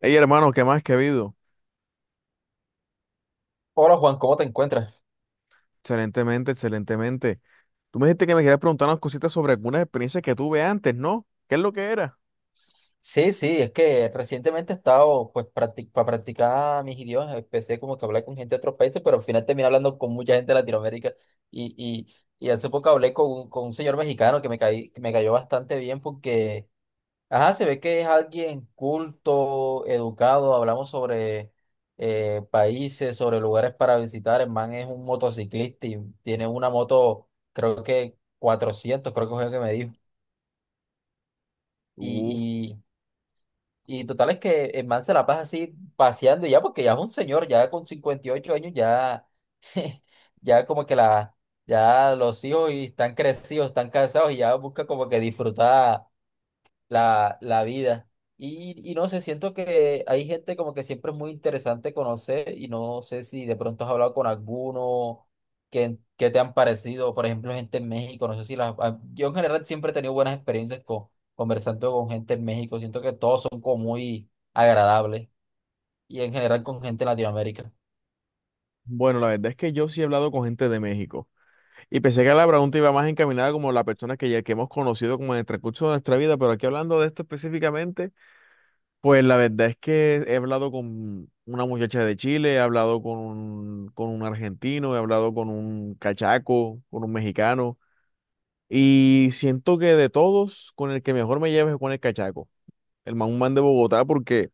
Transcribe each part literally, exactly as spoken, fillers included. Hey hermano, ¿qué más que ha habido? Hola Juan, ¿cómo te encuentras? Excelentemente, excelentemente. Tú me dijiste que me querías preguntar unas cositas sobre algunas experiencias que tuve antes, ¿no? ¿Qué es lo que era? Sí, sí, es que recientemente he estado, pues, practi- para practicar mis idiomas, empecé como que a hablar con gente de otros países, pero al final terminé hablando con mucha gente de Latinoamérica y, y, y hace poco hablé con un, con un señor mexicano que me, caí, que me cayó bastante bien porque, ajá, se ve que es alguien culto, educado, hablamos sobre eh, países, sobre lugares para visitar, el man es un motociclista y tiene una moto, creo que cuatrocientos, creo que fue lo que me dijo. Uf, Y total es que el man se la pasa así paseando ya, porque ya es un señor, ya con cincuenta y ocho años, ya, ya como que la, ya los hijos y están crecidos, están casados y ya busca como que disfrutar la, la vida. Y, y no sé, siento que hay gente como que siempre es muy interesante conocer y no sé si de pronto has hablado con alguno que, que te han parecido, por ejemplo, gente en México, no sé si las... a- yo en general siempre he tenido buenas experiencias con, conversando con gente en México, siento que todos son como muy agradables y en general con gente en Latinoamérica. bueno, la verdad es que yo sí he hablado con gente de México y pensé que la pregunta iba más encaminada como la persona que ya que hemos conocido como en el transcurso de nuestra vida, pero aquí hablando de esto específicamente, pues la verdad es que he hablado con una muchacha de Chile, he hablado con un, con un argentino, he hablado con un cachaco, con un mexicano. Y siento que de todos, con el que mejor me llevo es con el cachaco, el man, un man de Bogotá, porque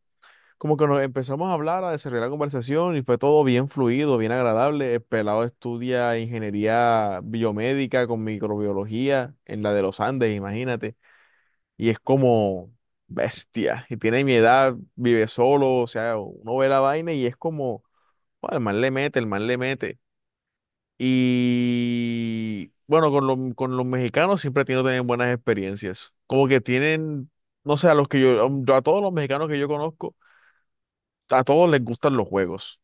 como que nos empezamos a hablar, a desarrollar la conversación y fue todo bien fluido, bien agradable. El pelado estudia ingeniería biomédica con microbiología en la de los Andes, imagínate. Y es como bestia. Y tiene mi edad, vive solo, o sea, uno ve la vaina y es como, "Joder, el man le mete, el man le mete". Y bueno, con, los- con los mexicanos siempre he tenido también buenas experiencias. Como que tienen, no sé, a los que yo, um, yo- a todos los mexicanos que yo conozco, a todos les gustan los juegos.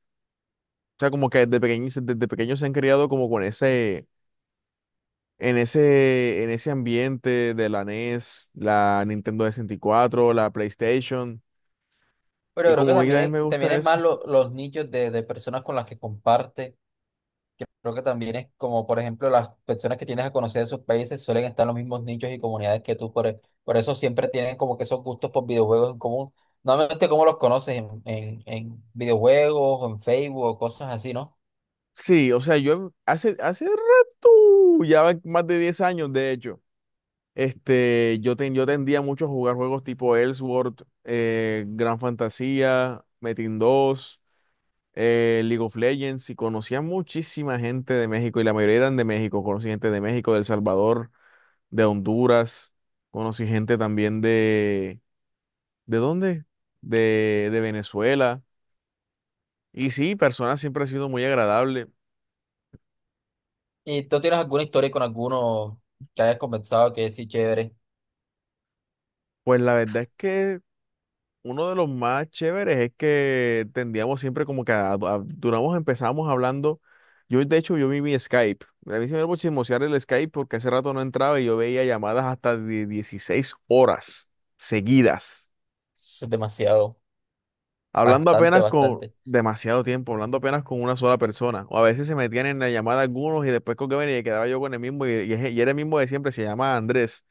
O sea, como que desde pequeños, desde pequeños se han criado como con ese, en ese, en ese ambiente de la NES, la Nintendo sesenta y cuatro la PlayStation. Pero Y creo que como a mí también también, me también gusta es más eso. lo- los nichos de, de personas con las que comparte que creo que también es como, por ejemplo, las personas que tienes a conocer de sus países suelen estar en los mismos nichos y comunidades que tú, por, e- por eso siempre tienen como que esos gustos por videojuegos en común. Normalmente, ¿cómo los conoces? En, en, en videojuegos, o en Facebook, o cosas así, ¿no? Sí, o sea, yo hace, hace rato, ya va más de diez años, de hecho. Este, yo, ten- yo tendía mucho a jugar juegos tipo Ellsworth, eh, Gran Fantasía, Metin dos, eh, League of Legends, y conocía muchísima gente de México, y la mayoría eran de México. Conocí gente de México, de El Salvador, de Honduras, conocí gente también de... ¿De dónde? De, de Venezuela. Y sí, personas siempre ha sido muy agradable. ¿Y tú tienes alguna historia con alguno que hayas conversado que sí, chévere? Pues la verdad es que uno de los más chéveres es que tendíamos siempre como que a- a- duramos, empezamos hablando. Yo, de hecho, yo vi mi Skype. A mí se me iba a chismosear el Skype porque hace rato no entraba y yo veía llamadas hasta de dieciséis horas seguidas. Es demasiado, Hablando bastante, apenas con bastante. demasiado tiempo, hablando apenas con una sola persona. O a veces se metían en la llamada algunos y después con que venía y quedaba yo con el mismo y, y es- y era el mismo de siempre, se llama Andrés,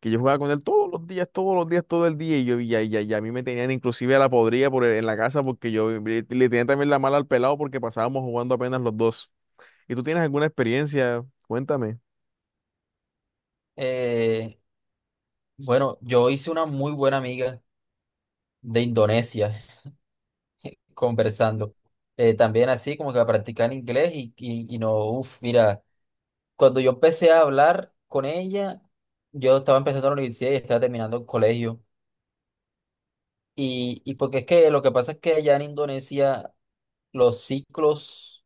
que yo jugaba con él todos los días, todos los días, todo el día, y yo ya, ya, ya a mí me tenían inclusive a la podrida por el- en la casa porque yo le, le tenía también la mala al pelado porque pasábamos jugando apenas los dos. ¿Y tú tienes alguna experiencia? Cuéntame. Eh, bueno, yo hice una muy buena amiga de Indonesia conversando. Eh, también así como que a practicar inglés y, y, y no, uff, mira, cuando yo empecé a hablar con ella, yo estaba empezando la universidad y estaba terminando el colegio. Y, y porque es que lo que pasa es que allá en Indonesia los ciclos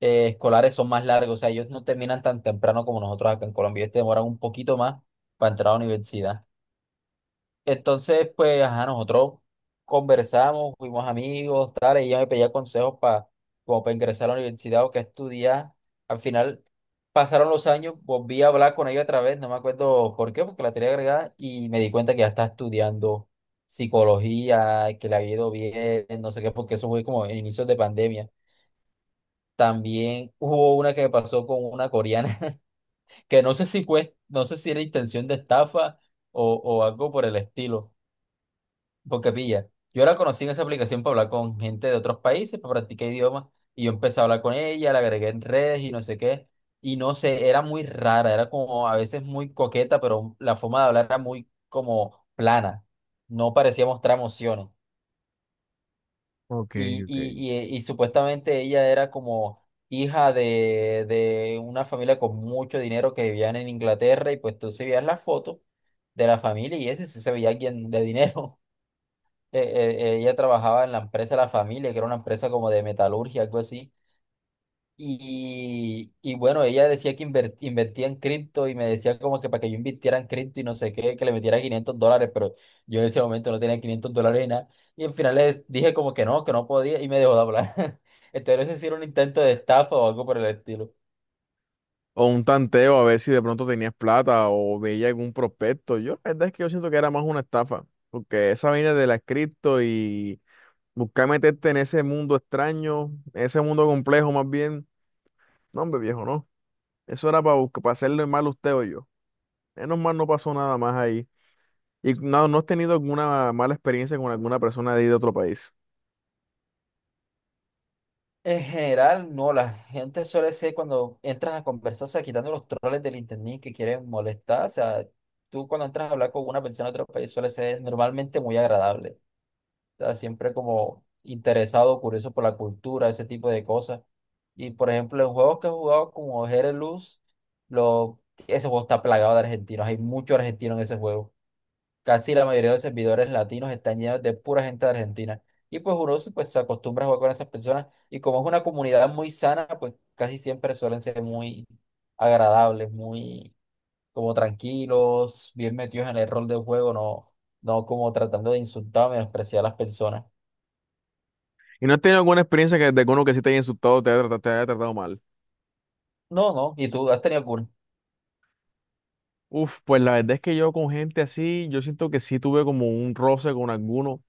eh, escolares son más largos, o sea, ellos no terminan tan temprano como nosotros acá en Colombia, ellos te demoran un poquito más para entrar a la universidad. Entonces, pues, ajá, nosotros conversamos, fuimos amigos, tal, y ella me pedía consejos para, como para ingresar a la universidad o qué estudiar. Al final, pasaron los años, volví a hablar con ella otra vez, no me acuerdo por qué, porque la tenía agregada, y me di cuenta que ya está estudiando psicología, que le había ido bien, no sé qué, porque eso fue como en inicios de pandemia. También hubo una que me pasó con una coreana, que no sé si fue, no sé si era intención de estafa o, o algo por el estilo porque pilla, yo la conocí en esa aplicación para hablar con gente de otros países, para practicar idiomas, y yo empecé a hablar con ella, la agregué en redes y no sé qué, y no sé, era muy rara, era como a veces muy coqueta, pero la forma de hablar era muy como plana, no parecía mostrar emociones. Ok, Y, ok. y, y, y supuestamente ella era como hija de, de una familia con mucho dinero que vivían en Inglaterra, y pues tú se veías la foto de la familia y eso, y sí se veía alguien de dinero. Eh, eh, ella trabajaba en la empresa de la familia, que era una empresa como de metalurgia, algo así. Y, y bueno, ella decía que inver- invertía en cripto y me decía como que para que yo invirtiera en cripto y no sé qué, que le metiera quinientos dólares, pero yo en ese momento no tenía quinientos dólares ni nada. Y al final les dije como que no, que no podía y me dejó de hablar. Entonces, no sé si era un intento de estafa o algo por el estilo. O un tanteo a ver si de pronto tenías plata o veía algún prospecto. Yo la verdad es que yo siento que era más una estafa, porque esa vaina de la cripto y buscar meterte en ese mundo extraño, ese mundo complejo más bien, no, hombre viejo, no. Eso era para, para hacerle mal a usted o yo. Menos mal no pasó nada más ahí. Y no, no has tenido alguna mala experiencia con alguna persona de ahí de otro país. En general, no, la gente suele ser cuando entras a conversar, o sea, quitando los troles del internet que quieren molestar, o sea, tú cuando entras a hablar con una persona de otro país suele ser normalmente muy agradable, o sea, siempre como interesado, curioso por la cultura, ese tipo de cosas. Y por ejemplo, en juegos que he jugado como Jerez Luz, lo, ese juego está plagado de argentinos, hay mucho argentino en ese juego. Casi la mayoría de los servidores latinos están llenos de pura gente de Argentina. Y pues uno se- pues, se acostumbra a jugar con esas personas. Y como es una comunidad muy sana, pues casi siempre suelen ser muy agradables, muy como tranquilos, bien metidos en el rol del juego, no, no como tratando de insultar o menospreciar a las personas. Y no has tenido alguna experiencia que, de alguno que sí te haya insultado, te haya tratado, te haya tratado mal. No, no. ¿Y tú has tenido algún Uf, pues la verdad es que yo con gente así, yo siento que sí tuve como un roce con alguno,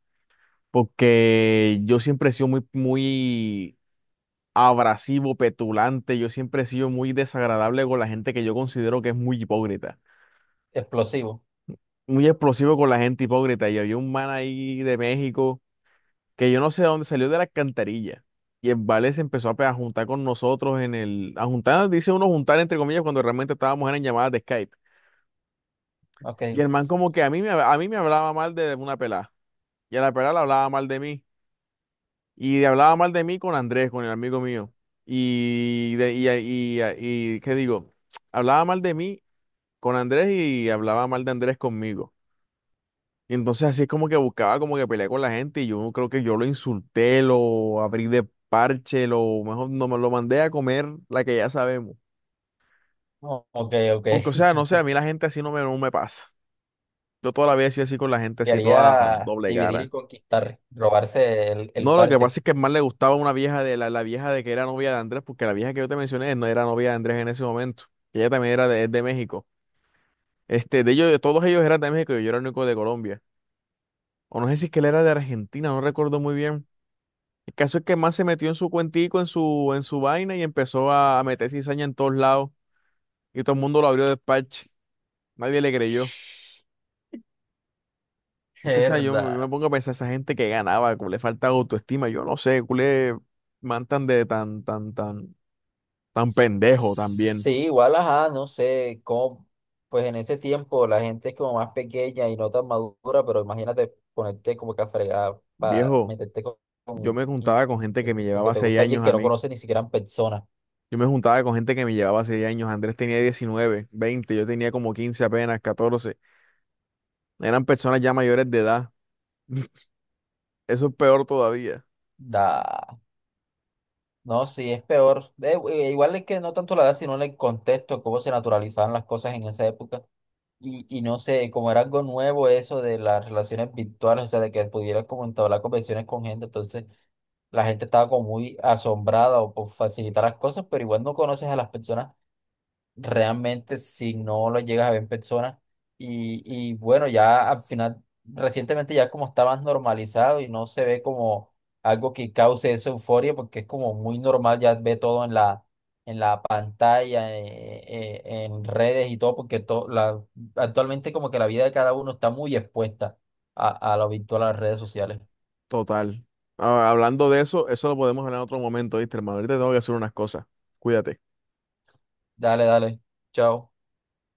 porque yo siempre he sido muy, muy abrasivo, petulante, yo siempre he sido muy desagradable con la gente que yo considero que es muy hipócrita, explosivo? muy explosivo con la gente hipócrita. Y había un man ahí de México, que yo no sé de dónde salió de la alcantarilla. Y el Vale se empezó a, pe- a juntar con nosotros en el... A juntar, dice uno juntar entre comillas, cuando realmente estábamos eran en llamadas de Skype. Y Ok. el man como que a mí me, a mí me hablaba mal de una pelada. Y a la pelada le hablaba mal de mí. Y le hablaba mal de mí con Andrés, con el amigo mío. Y, de, y, y, y- ¿Qué digo? Hablaba mal de mí con Andrés y hablaba mal de Andrés conmigo. Y entonces así es como que buscaba como que pelear con la gente y yo creo que yo lo insulté, lo abrí de parche, lo mejor no me lo mandé a comer la que ya sabemos. No, ok, ok. Porque o sea, no sé, a mí la gente así no me, no me pasa. Yo toda la vida he sido así con la gente así toda Quería doble dividir y cara. conquistar, robarse el, el No, lo que parche. pasa es que más le gustaba una vieja de la, la vieja de que era novia de Andrés, porque la vieja que yo te mencioné no era novia de Andrés en ese momento. Ella también era de, es de México. Este, de ellos, de todos ellos eran de México y yo era el único de Colombia. O no sé si es que él era de Argentina, no recuerdo muy bien. El caso es que más se metió en su cuentico, en su, en su vaina y empezó a meter cizaña en todos lados. Y todo el mundo lo abrió de parche. Nadie le creyó. Es que, o sea, yo, me yo me Herda. pongo a pensar, esa gente que ganaba, como le falta autoestima, yo no sé, culé, man tan de tan, tan, tan, tan pendejo también. Sí, igual, ajá, no sé cómo, pues en ese tiempo la gente es como más pequeña y no tan madura, pero imagínate ponerte como que a fregar para Viejo, meterte con, yo me con- y- juntaba con gente que te- me porque llevaba te seis gusta alguien años que a no mí. conoce ni siquiera en persona. Yo me juntaba con gente que me llevaba seis años. Andrés tenía diecinueve, veinte, yo tenía como quince apenas, catorce. Eran personas ya mayores de edad. Eso es peor todavía. Da, no, sí, es peor. Eh, eh, igual es que no tanto la edad, sino en el contexto, cómo se naturalizaban las cosas en esa época. Y, y no sé, como era algo nuevo eso de las relaciones virtuales, o sea, de que pudieras como entablar conversaciones con gente, entonces la gente estaba como muy asombrada o por facilitar las cosas, pero igual no conoces a las personas realmente si no lo llegas a ver en persona. Y, y bueno, ya al final, recientemente ya como está más normalizado y no se ve como algo que cause esa euforia, porque es como muy normal, ya ve todo en la, en la pantalla, eh, eh, en redes y todo, porque to- la, actualmente como que la vida de cada uno está muy expuesta a, a lo virtual, a las redes sociales. Total. Ah, hablando de eso, eso lo podemos hablar en otro momento, ¿viste, hermano? Ahorita tengo que hacer unas cosas. Cuídate. Dale, dale, chao.